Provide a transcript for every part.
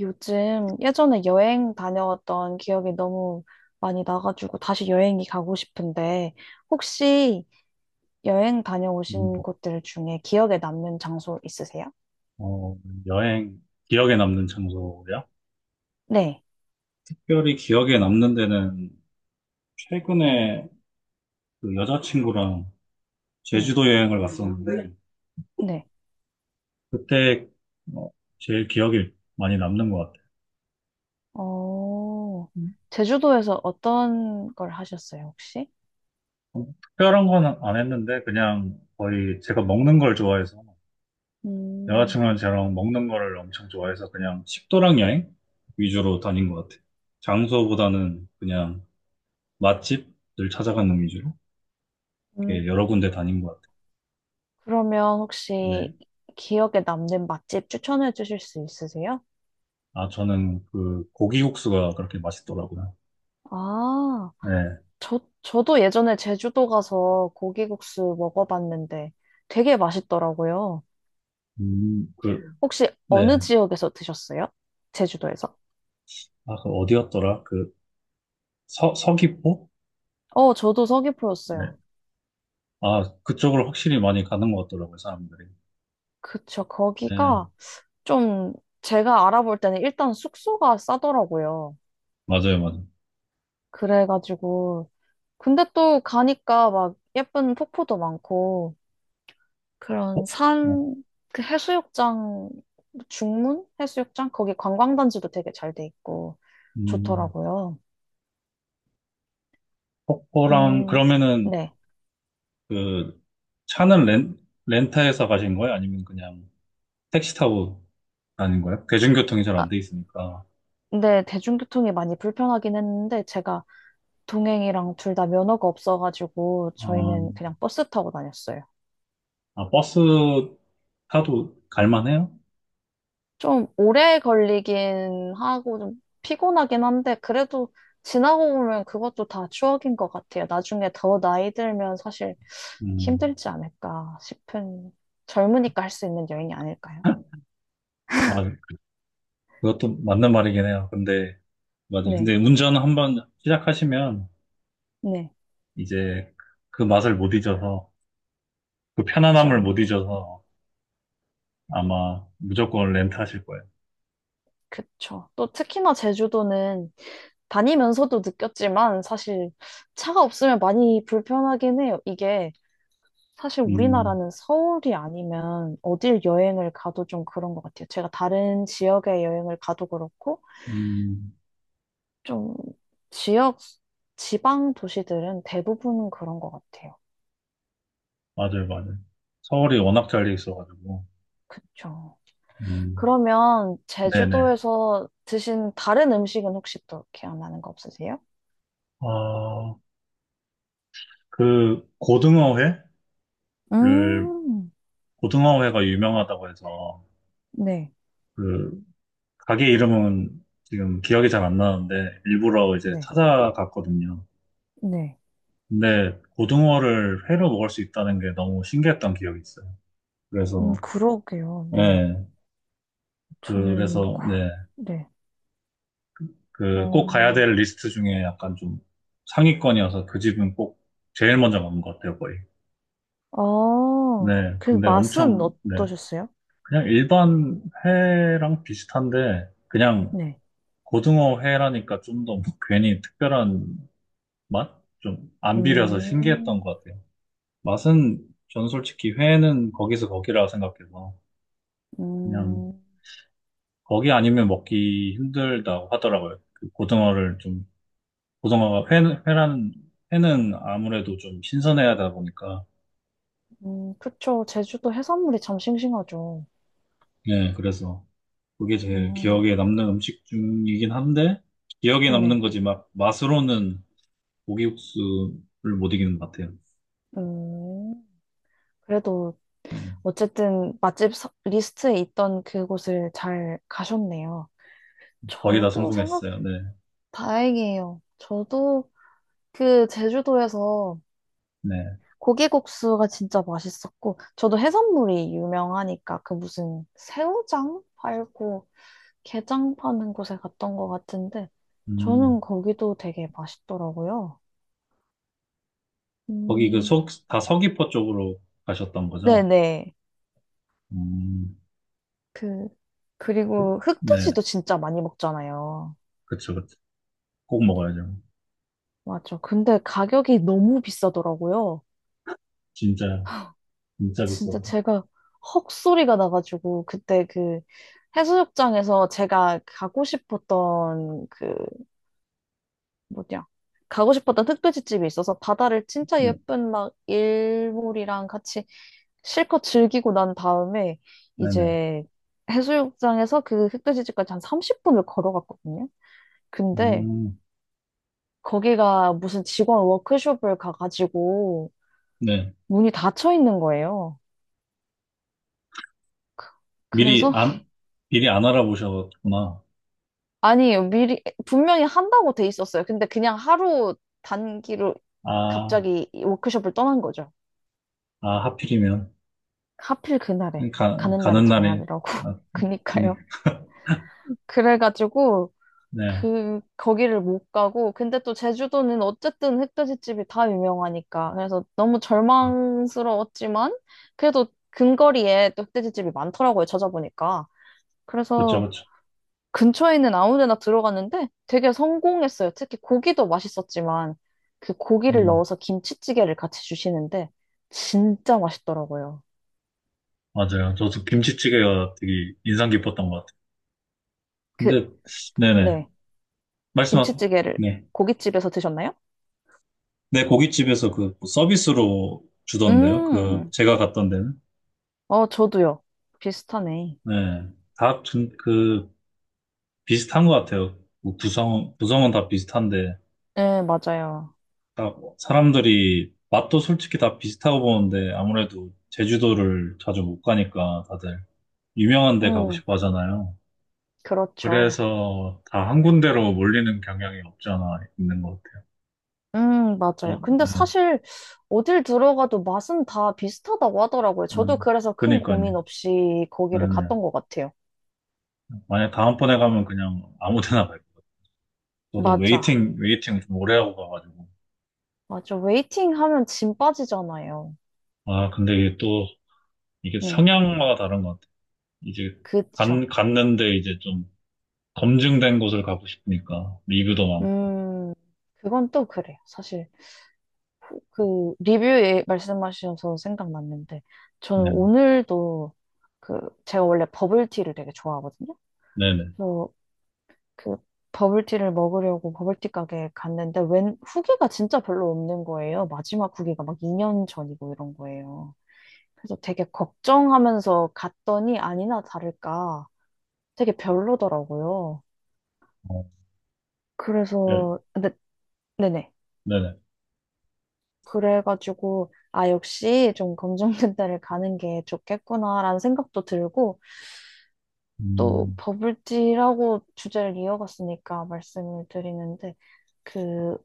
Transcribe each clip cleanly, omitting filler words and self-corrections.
요즘 예전에 여행 다녀왔던 기억이 너무 많이 나가지고 다시 여행이 가고 싶은데 혹시 여행 음, 다녀오신 곳들 중에 기억에 남는 장소 있으세요? 어, 여행, 기억에 남는 장소야? 네, 특별히 기억에 남는 데는 최근에 그 여자친구랑 네, 제주도 여행을 갔었는데, 네. 그때 어, 제일 기억에 많이 남는 것 같아요. 어, 음. 제주도에서 어떤 걸 하셨어요, 혹시? 특별한 건 안 했는데, 그냥 거의 제가 먹는 걸 좋아해서, 음, 여자친구랑 저랑 먹는 거를 엄청 좋아해서 그냥 식도락 여행 위주로 다닌 것 같아요. 장소보다는 그냥 맛집을 찾아가는 위주로 이렇게 음, 여러 군데 다닌 것 같아요. 그러면 네. 혹시 기억에 남는 맛집 추천해 주실 수 있으세요? 아, 저는 그 고기국수가 그렇게 맛있더라고요. 아, 네. 저도 예전에 제주도 가서 고기국수 먹어봤는데 되게 맛있더라고요. 그, 혹시 어느 네. 지역에서 드셨어요? 제주도에서? 아, 그 어디였더라? 그 서귀포? 어, 저도 네. 서귀포였어요. 아, 그쪽으로 확실히 많이 가는 것 같더라고요, 사람들이. 그쵸. 네. 거기가 좀 제가 알아볼 때는 일단 숙소가 싸더라고요. 맞아요, 맞아요. 그래가지고. 근데 또 가니까 막 예쁜 폭포도 많고 그런 네. 산, 그 해수욕장, 중문? 해수욕장? 거기 관광단지도 되게 잘 돼 있고 음, 좋더라고요. 폭포랑, 음, 그러면은 네. 그 차는 렌터에서 가신 거예요? 아니면 그냥 택시 타고 다닌 거예요? 대중교통이 잘 아, 안돼 있으니까. 근데 대중교통이 많이 불편하긴 했는데 제가 동행이랑 둘 다 면허가 없어가지고 아, 저희는 그냥 버스 타고 다녔어요. 아, 버스 타도 갈만해요? 좀 오래 걸리긴 하고 좀 피곤하긴 한데 그래도 지나고 보면 그것도 다 추억인 것 같아요. 나중에 더 나이 들면 사실 음, 힘들지 않을까 싶은 젊으니까 할 수 있는 여행이 아닐까요? 맞아요. 그것도 맞는 말이긴 해요. 근데, 맞아요. 근데 네, 운전 한 번 시작하시면 네, 이제 그 맛을 못 잊어서, 그 그쵸, 편안함을 못 잊어서 아마 무조건 렌트하실 거예요. 그쵸. 또 특히나 제주도는 다니면서도 느꼈지만 사실 차가 없으면 많이 불편하긴 해요. 이게 사실 음, 우리나라는 서울이 아니면 어딜 여행을 가도 좀 그런 것 같아요. 제가 다른 지역에 여행을 가도 그렇고 음, 좀 지역, 지방 도시들은 대부분 그런 것 같아요. 맞아요, 맞아요. 서울이 워낙 잘돼 있어가지고, 그쵸. 음, 그러면 네네. 제주도에서 드신 다른 음식은 혹시 또 기억나는 거 없으세요? 아, 그 고등어회를, 음, 고등어회가 유명하다고 해서, 네, 그, 가게 이름은 지금 기억이 잘 안 나는데, 일부러 이제 네, 찾아갔거든요. 네. 근데 고등어를 회로 먹을 수 있다는 게 너무 신기했던 기억이 있어요. 그래서, 그러게요. 네. 네, 저는 그래서, 고, 네, 네. 그 꼭 가야 어, 될 리스트 중에 약간 좀 상위권이어서 그 집은 꼭 제일 먼저 가는 것 같아요, 거의. 네, 그 근데 맛은 엄청, 네, 어떠셨어요? 그냥 일반 회랑 비슷한데, 그냥 네. 고등어 회라니까 좀더 뭐 괜히 특별한 맛? 좀 안 비려서 신기했던 음, 것 같아요. 맛은 전 솔직히 회는 거기서 거기라 생각해서 그냥 음, 거기 아니면 먹기 힘들다고 하더라고요. 그 고등어가 회라는, 회는 아무래도 좀 신선해야 하다 보니까. 그쵸. 제주도 해산물이 참 싱싱하죠. 예 그래서 그게 제일 음, 기억에 남는 음식 중이긴 한데, 기억에 남는 네. 거지 막 맛으로는 고기국수를 못 이기는 것 같아요. 음, 그래도 음, 어쨌든 맛집 리스트에 있던 그곳을 잘 가셨네요. 거의 다 저도 생각 성공했어요. 네, 다행이에요. 저도 그 제주도에서 네. 고기국수가 진짜 맛있었고, 저도 해산물이 유명하니까 그 무슨 새우장 팔고 게장 파는 곳에 갔던 것 같은데, 음, 저는 거기도 되게 맛있더라고요. 거기 그 음, 다 서귀포 쪽으로 가셨던 거죠? 네네. 음, 그, 그리고 흑돼지도 네, 진짜 많이 먹잖아요. 그쵸, 그쵸. 꼭 먹어야죠. 맞죠. 근데 가격이 너무 비싸더라고요. 진짜, 진짜 비싸서. 진짜 제가 헉 소리가 나가지고, 그때 그 해수욕장에서 제가 가고 싶었던 그 뭐냐. 가고 싶었던 흑끄지집이 있어서 바다를 진짜 네. 예쁜 막 일몰이랑 같이 실컷 즐기고 난 다음에 네네. 이제 해수욕장에서 그흑끄지집까지 한 30분을 걸어갔거든요. 근데 음, 거기가 무슨 직원 워크숍을 가가지고 네. 문이 닫혀 있는 거예요. 미리 그래서 안, 미리 안 알아보셨구나. 아니 미리 분명히 한다고 돼 있었어요. 근데 그냥 하루 단기로 아, 갑자기 이 워크숍을 떠난 거죠. 아, 하필이면. 하필 그날에 가, 가는 날이 가는 날에. 장날이라고 아, 그니까요. 그니까. 그래가지고 네. 그 거기를 못 가고 근데 또 제주도는 어쨌든 흑돼지집이 다 유명하니까 그래서 너무 절망스러웠지만 그래도 근거리에 또 흑돼지집이 많더라고요 찾아보니까. 그쵸, 그래서 그쵸. 근처에 있는 아무 데나 들어갔는데 되게 성공했어요. 특히 고기도 맛있었지만 그 고기를 음, 넣어서 김치찌개를 같이 주시는데 진짜 맛있더라고요. 맞아요. 저도 김치찌개가 되게 인상 깊었던 것 같아요. 그 근데, 네네. 네 말씀하세요. 김치찌개를 네. 고깃집에서 드셨나요? 네, 고깃집에서 그 서비스로 주던데요. 그, 음, 제가 갔던 데는. 어, 저도요. 비슷하네. 네. 다, 좀 그, 비슷한 것 같아요. 뭐 구성은 다 비슷한데. 네, 맞아요. 딱 사람들이 맛도 솔직히 다 비슷하고 보는데 아무래도 제주도를 자주 못 가니까 다들 유명한 데 가고 음, 싶어 하잖아요. 그렇죠. 그래서 다 한 군데로 몰리는 경향이 없지 않아 있는 것 같아요. 맞아요. 또, 근데 네. 사실 어딜 들어가도 맛은 다 비슷하다고 하더라고요. 저도 음, 그래서 큰 그니까요. 고민 없이 거기를 네네. 갔던 것 같아요. 만약 다음번에 가면 그냥 아무 데나 갈거 같아요. 저도 맞아. 웨이팅 좀 오래 하고 가가지고. 맞아. 웨이팅 하면 짐 빠지잖아요. 아, 근데 이게 또, 이게 네. 성향마다 다른 것 같아요. 이제 그쵸. 갔는데 이제 좀 검증된 곳을 가고 싶으니까. 리뷰도 많고. 음, 그건 또 그래요. 사실. 그 리뷰에 말씀하셔서 생각났는데 저는 네, 오늘도 그 제가 원래 버블티를 되게 좋아하거든요. 네네. 그래서 그 버블티를 먹으려고 버블티 가게에 갔는데 웬 후기가 진짜 별로 없는 거예요. 마지막 후기가 막 2년 전이고 이런 거예요. 그래서 되게 걱정하면서 갔더니 아니나 다를까 되게 별로더라고요. 어, 네, 그래서 근데 네네. 네네. 그래가지고, 아, 역시 좀 검정근대를 가는 게 좋겠구나라는 생각도 들고, 또 음, 버블티라고 주제를 이어갔으니까 말씀을 드리는데, 그,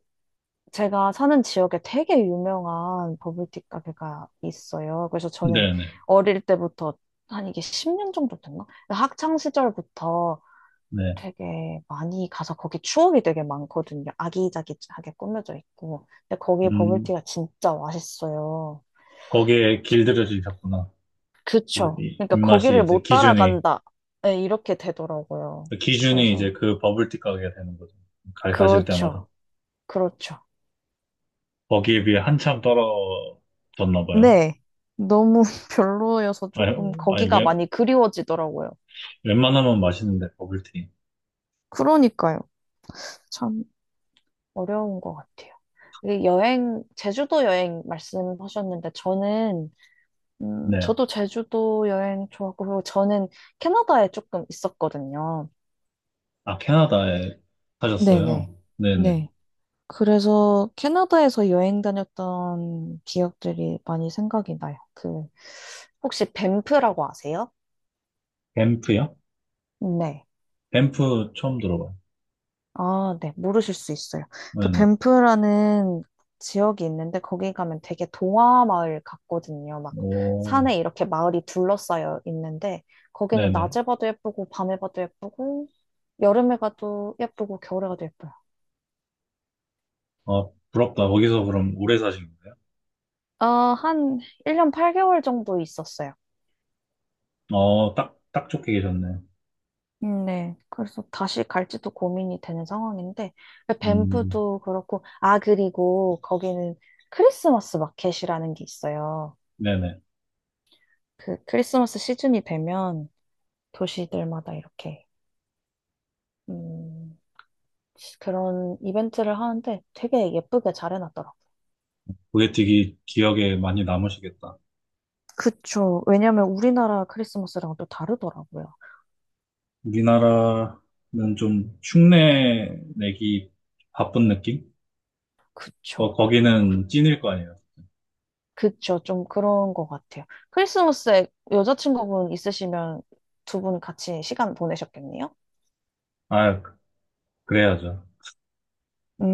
제가 사는 지역에 되게 유명한 버블티 가게가 있어요. 그래서 저는 네네. 어릴 때부터, 한 이게 10년 정도 됐나? 학창 시절부터 네. 네. 되게 많이 가서 거기 추억이 되게 많거든요. 아기자기하게 꾸며져 있고. 근데 거기 음, 버블티가 진짜 맛있어요. 거기에 길들여지셨구나. 그, 그쵸. 그러니까 입맛이 거기를 이제 못 기준이, 따라간다. 네, 이렇게 되더라고요. 기준이 이제 그래서, 그 버블티 가게가 되는 거죠. 가실 그렇죠. 때마다. 그렇죠. 거기에 비해 한참 떨어졌나 봐요. 네. 너무 별로여서 아니, 조금 아니, 거기가 웬, 많이 그리워지더라고요. 웬만하면 맛있는데, 버블티. 그러니까요. 참. 어려운 것 같아요. 이 여행, 제주도 여행 말씀하셨는데, 저는, 네. 저도 제주도 여행 좋아하고, 그리고 저는 캐나다에 조금 있었거든요. 아, 캐나다에 네네. 사셨어요? 네네. 네. 그래서 캐나다에서 여행 다녔던 기억들이 많이 생각이 나요. 그, 혹시 밴프라고 아세요? 밴프요? 네. 밴프 처음 들어봐요. 아, 네. 모르실 수 있어요. 그 네네. 밴프라는 지역이 있는데 거기 가면 되게 동화 마을 같거든요. 막 오, 산에 이렇게 마을이 둘러싸여 있는데 거기는 네네. 낮에 봐도 예쁘고 밤에 봐도 예쁘고 여름에 가도 예쁘고 겨울에 가도 예뻐요. 아, 부럽다. 거기서 그럼 오래 사신 거예요? 아, 한 1년 8개월 정도 있었어요. 딱 좋게 계셨네. 네. 그래서 다시 갈지도 고민이 되는 상황인데, 음, 밴프도 그렇고, 아, 그리고 거기는 크리스마스 마켓이라는 게 있어요. 네네. 그 크리스마스 시즌이 되면 도시들마다 이렇게, 음, 그런 이벤트를 하는데 되게 예쁘게 잘 해놨더라고요. 그게 되게 기억에 많이 남으시겠다. 그쵸. 왜냐면 우리나라 크리스마스랑 또 다르더라고요. 우리나라는 좀 흉내 내기 바쁜 느낌? 그쵸. 거기는 찐일 거 아니에요. 그쵸. 좀 그런 것 같아요. 크리스마스에 여자친구분 있으시면 두 분 같이 시간 보내셨겠네요? 아, 그래야죠.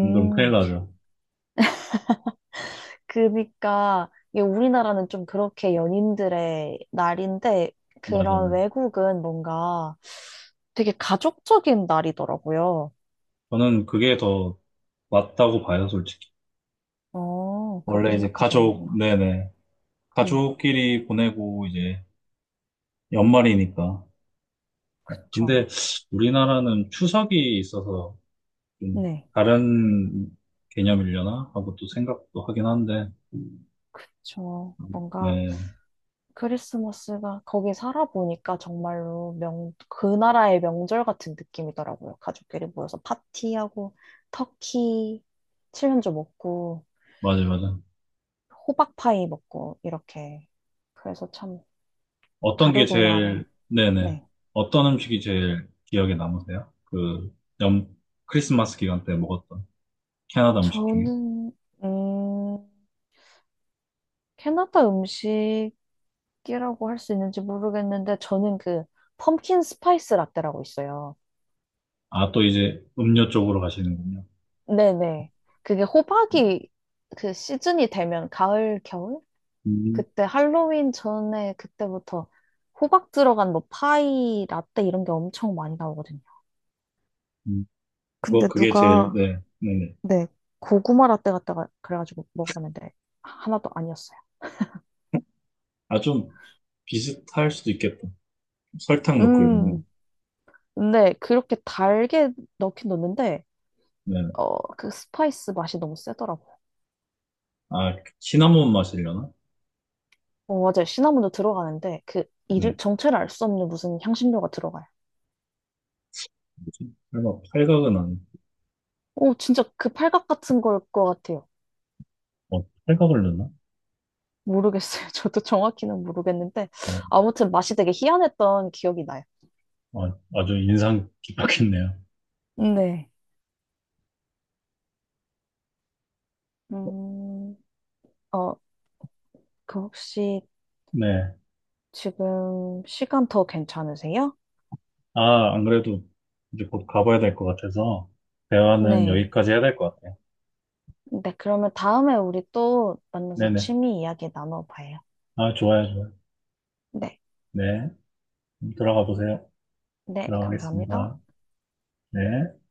안 그러면 큰일 나죠. 그니까 이게 우리나라는 좀 그렇게 연인들의 날인데 그런 맞아요. 외국은 뭔가 되게 가족적인 날이더라고요. 저는 그게 더 맞다고 봐요, 솔직히. 어, 그렇게 원래 이제 가족, 생각하시는구나. 네네. 네, 가족끼리 보내고 이제 연말이니까. 그쵸. 근데 우리나라는 추석이 있어서 좀 네, 다른 개념이려나 하고 또 생각도 하긴 한데, 그쵸 뭔가 네, 크리스마스가 거기 살아보니까 정말로 그 나라의 명절 같은 느낌이더라고요. 가족끼리 모여서 파티하고 터키 칠면조 먹고 맞아, 맞아. 호박파이 먹고 이렇게. 그래서 참 어떤 게 다르구나요. 제일, 네네. 네. 어떤 음식이 제일 기억에 남으세요? 그, 연, 크리스마스 기간 때 먹었던 캐나다 음식 중에. 저는, 음, 캐나다 음식이라고 할 수 있는지 모르겠는데, 저는 그, 펌킨 스파이스 라떼라고 있어요. 아, 또 이제 음료 쪽으로 가시는군요. 네네. 그게 호박이 그 시즌이 되면, 가을, 겨울? 음, 그때 할로윈 전에 그때부터 호박 들어간 뭐 파이, 라떼 이런 게 엄청 많이 나오거든요. 음. 그거, 근데 그게 제일, 누가, 네, 네네. 네, 고구마 라떼 갖다가 그래가지고 먹어봤는데, 하나도 아니었어요. 아, 좀 비슷할 수도 있겠다. 설탕 넣고 이러면. 음. 근데 그렇게 달게 넣긴 넣는데 네. 그 스파이스 맛이 너무 세더라고. 아, 시나몬 맛이려나? 어 맞아요. 시나몬도 들어가는데 그 이름 네. 정체를 알 수 없는 무슨 향신료가 들어가요. 뭐지? 설마 팔각은 아니 오 진짜 그 팔각 같은 걸 것 같아요. 뭐 탈각을 넣나? 모르겠어요. 저도 정확히는 모르겠는데 뭐 아무튼 맛이 되게 희한했던 기억이 나요. 아, 아주 인상 깊었겠네요. 네. 음, 어, 그 혹시 네. 지금 시간 더 괜찮으세요? 아, 안 그래도 이제 곧 가봐야 될 것 같아서 대화는 네. 여기까지 해야 될 것 같아요. 네, 그러면 다음에 우리 또 만나서 네네. 취미 이야기 나눠봐요. 아, 좋아요, 좋아요. 네. 네. 들어가 보세요. 네, 감사합니다. 들어가겠습니다. 네.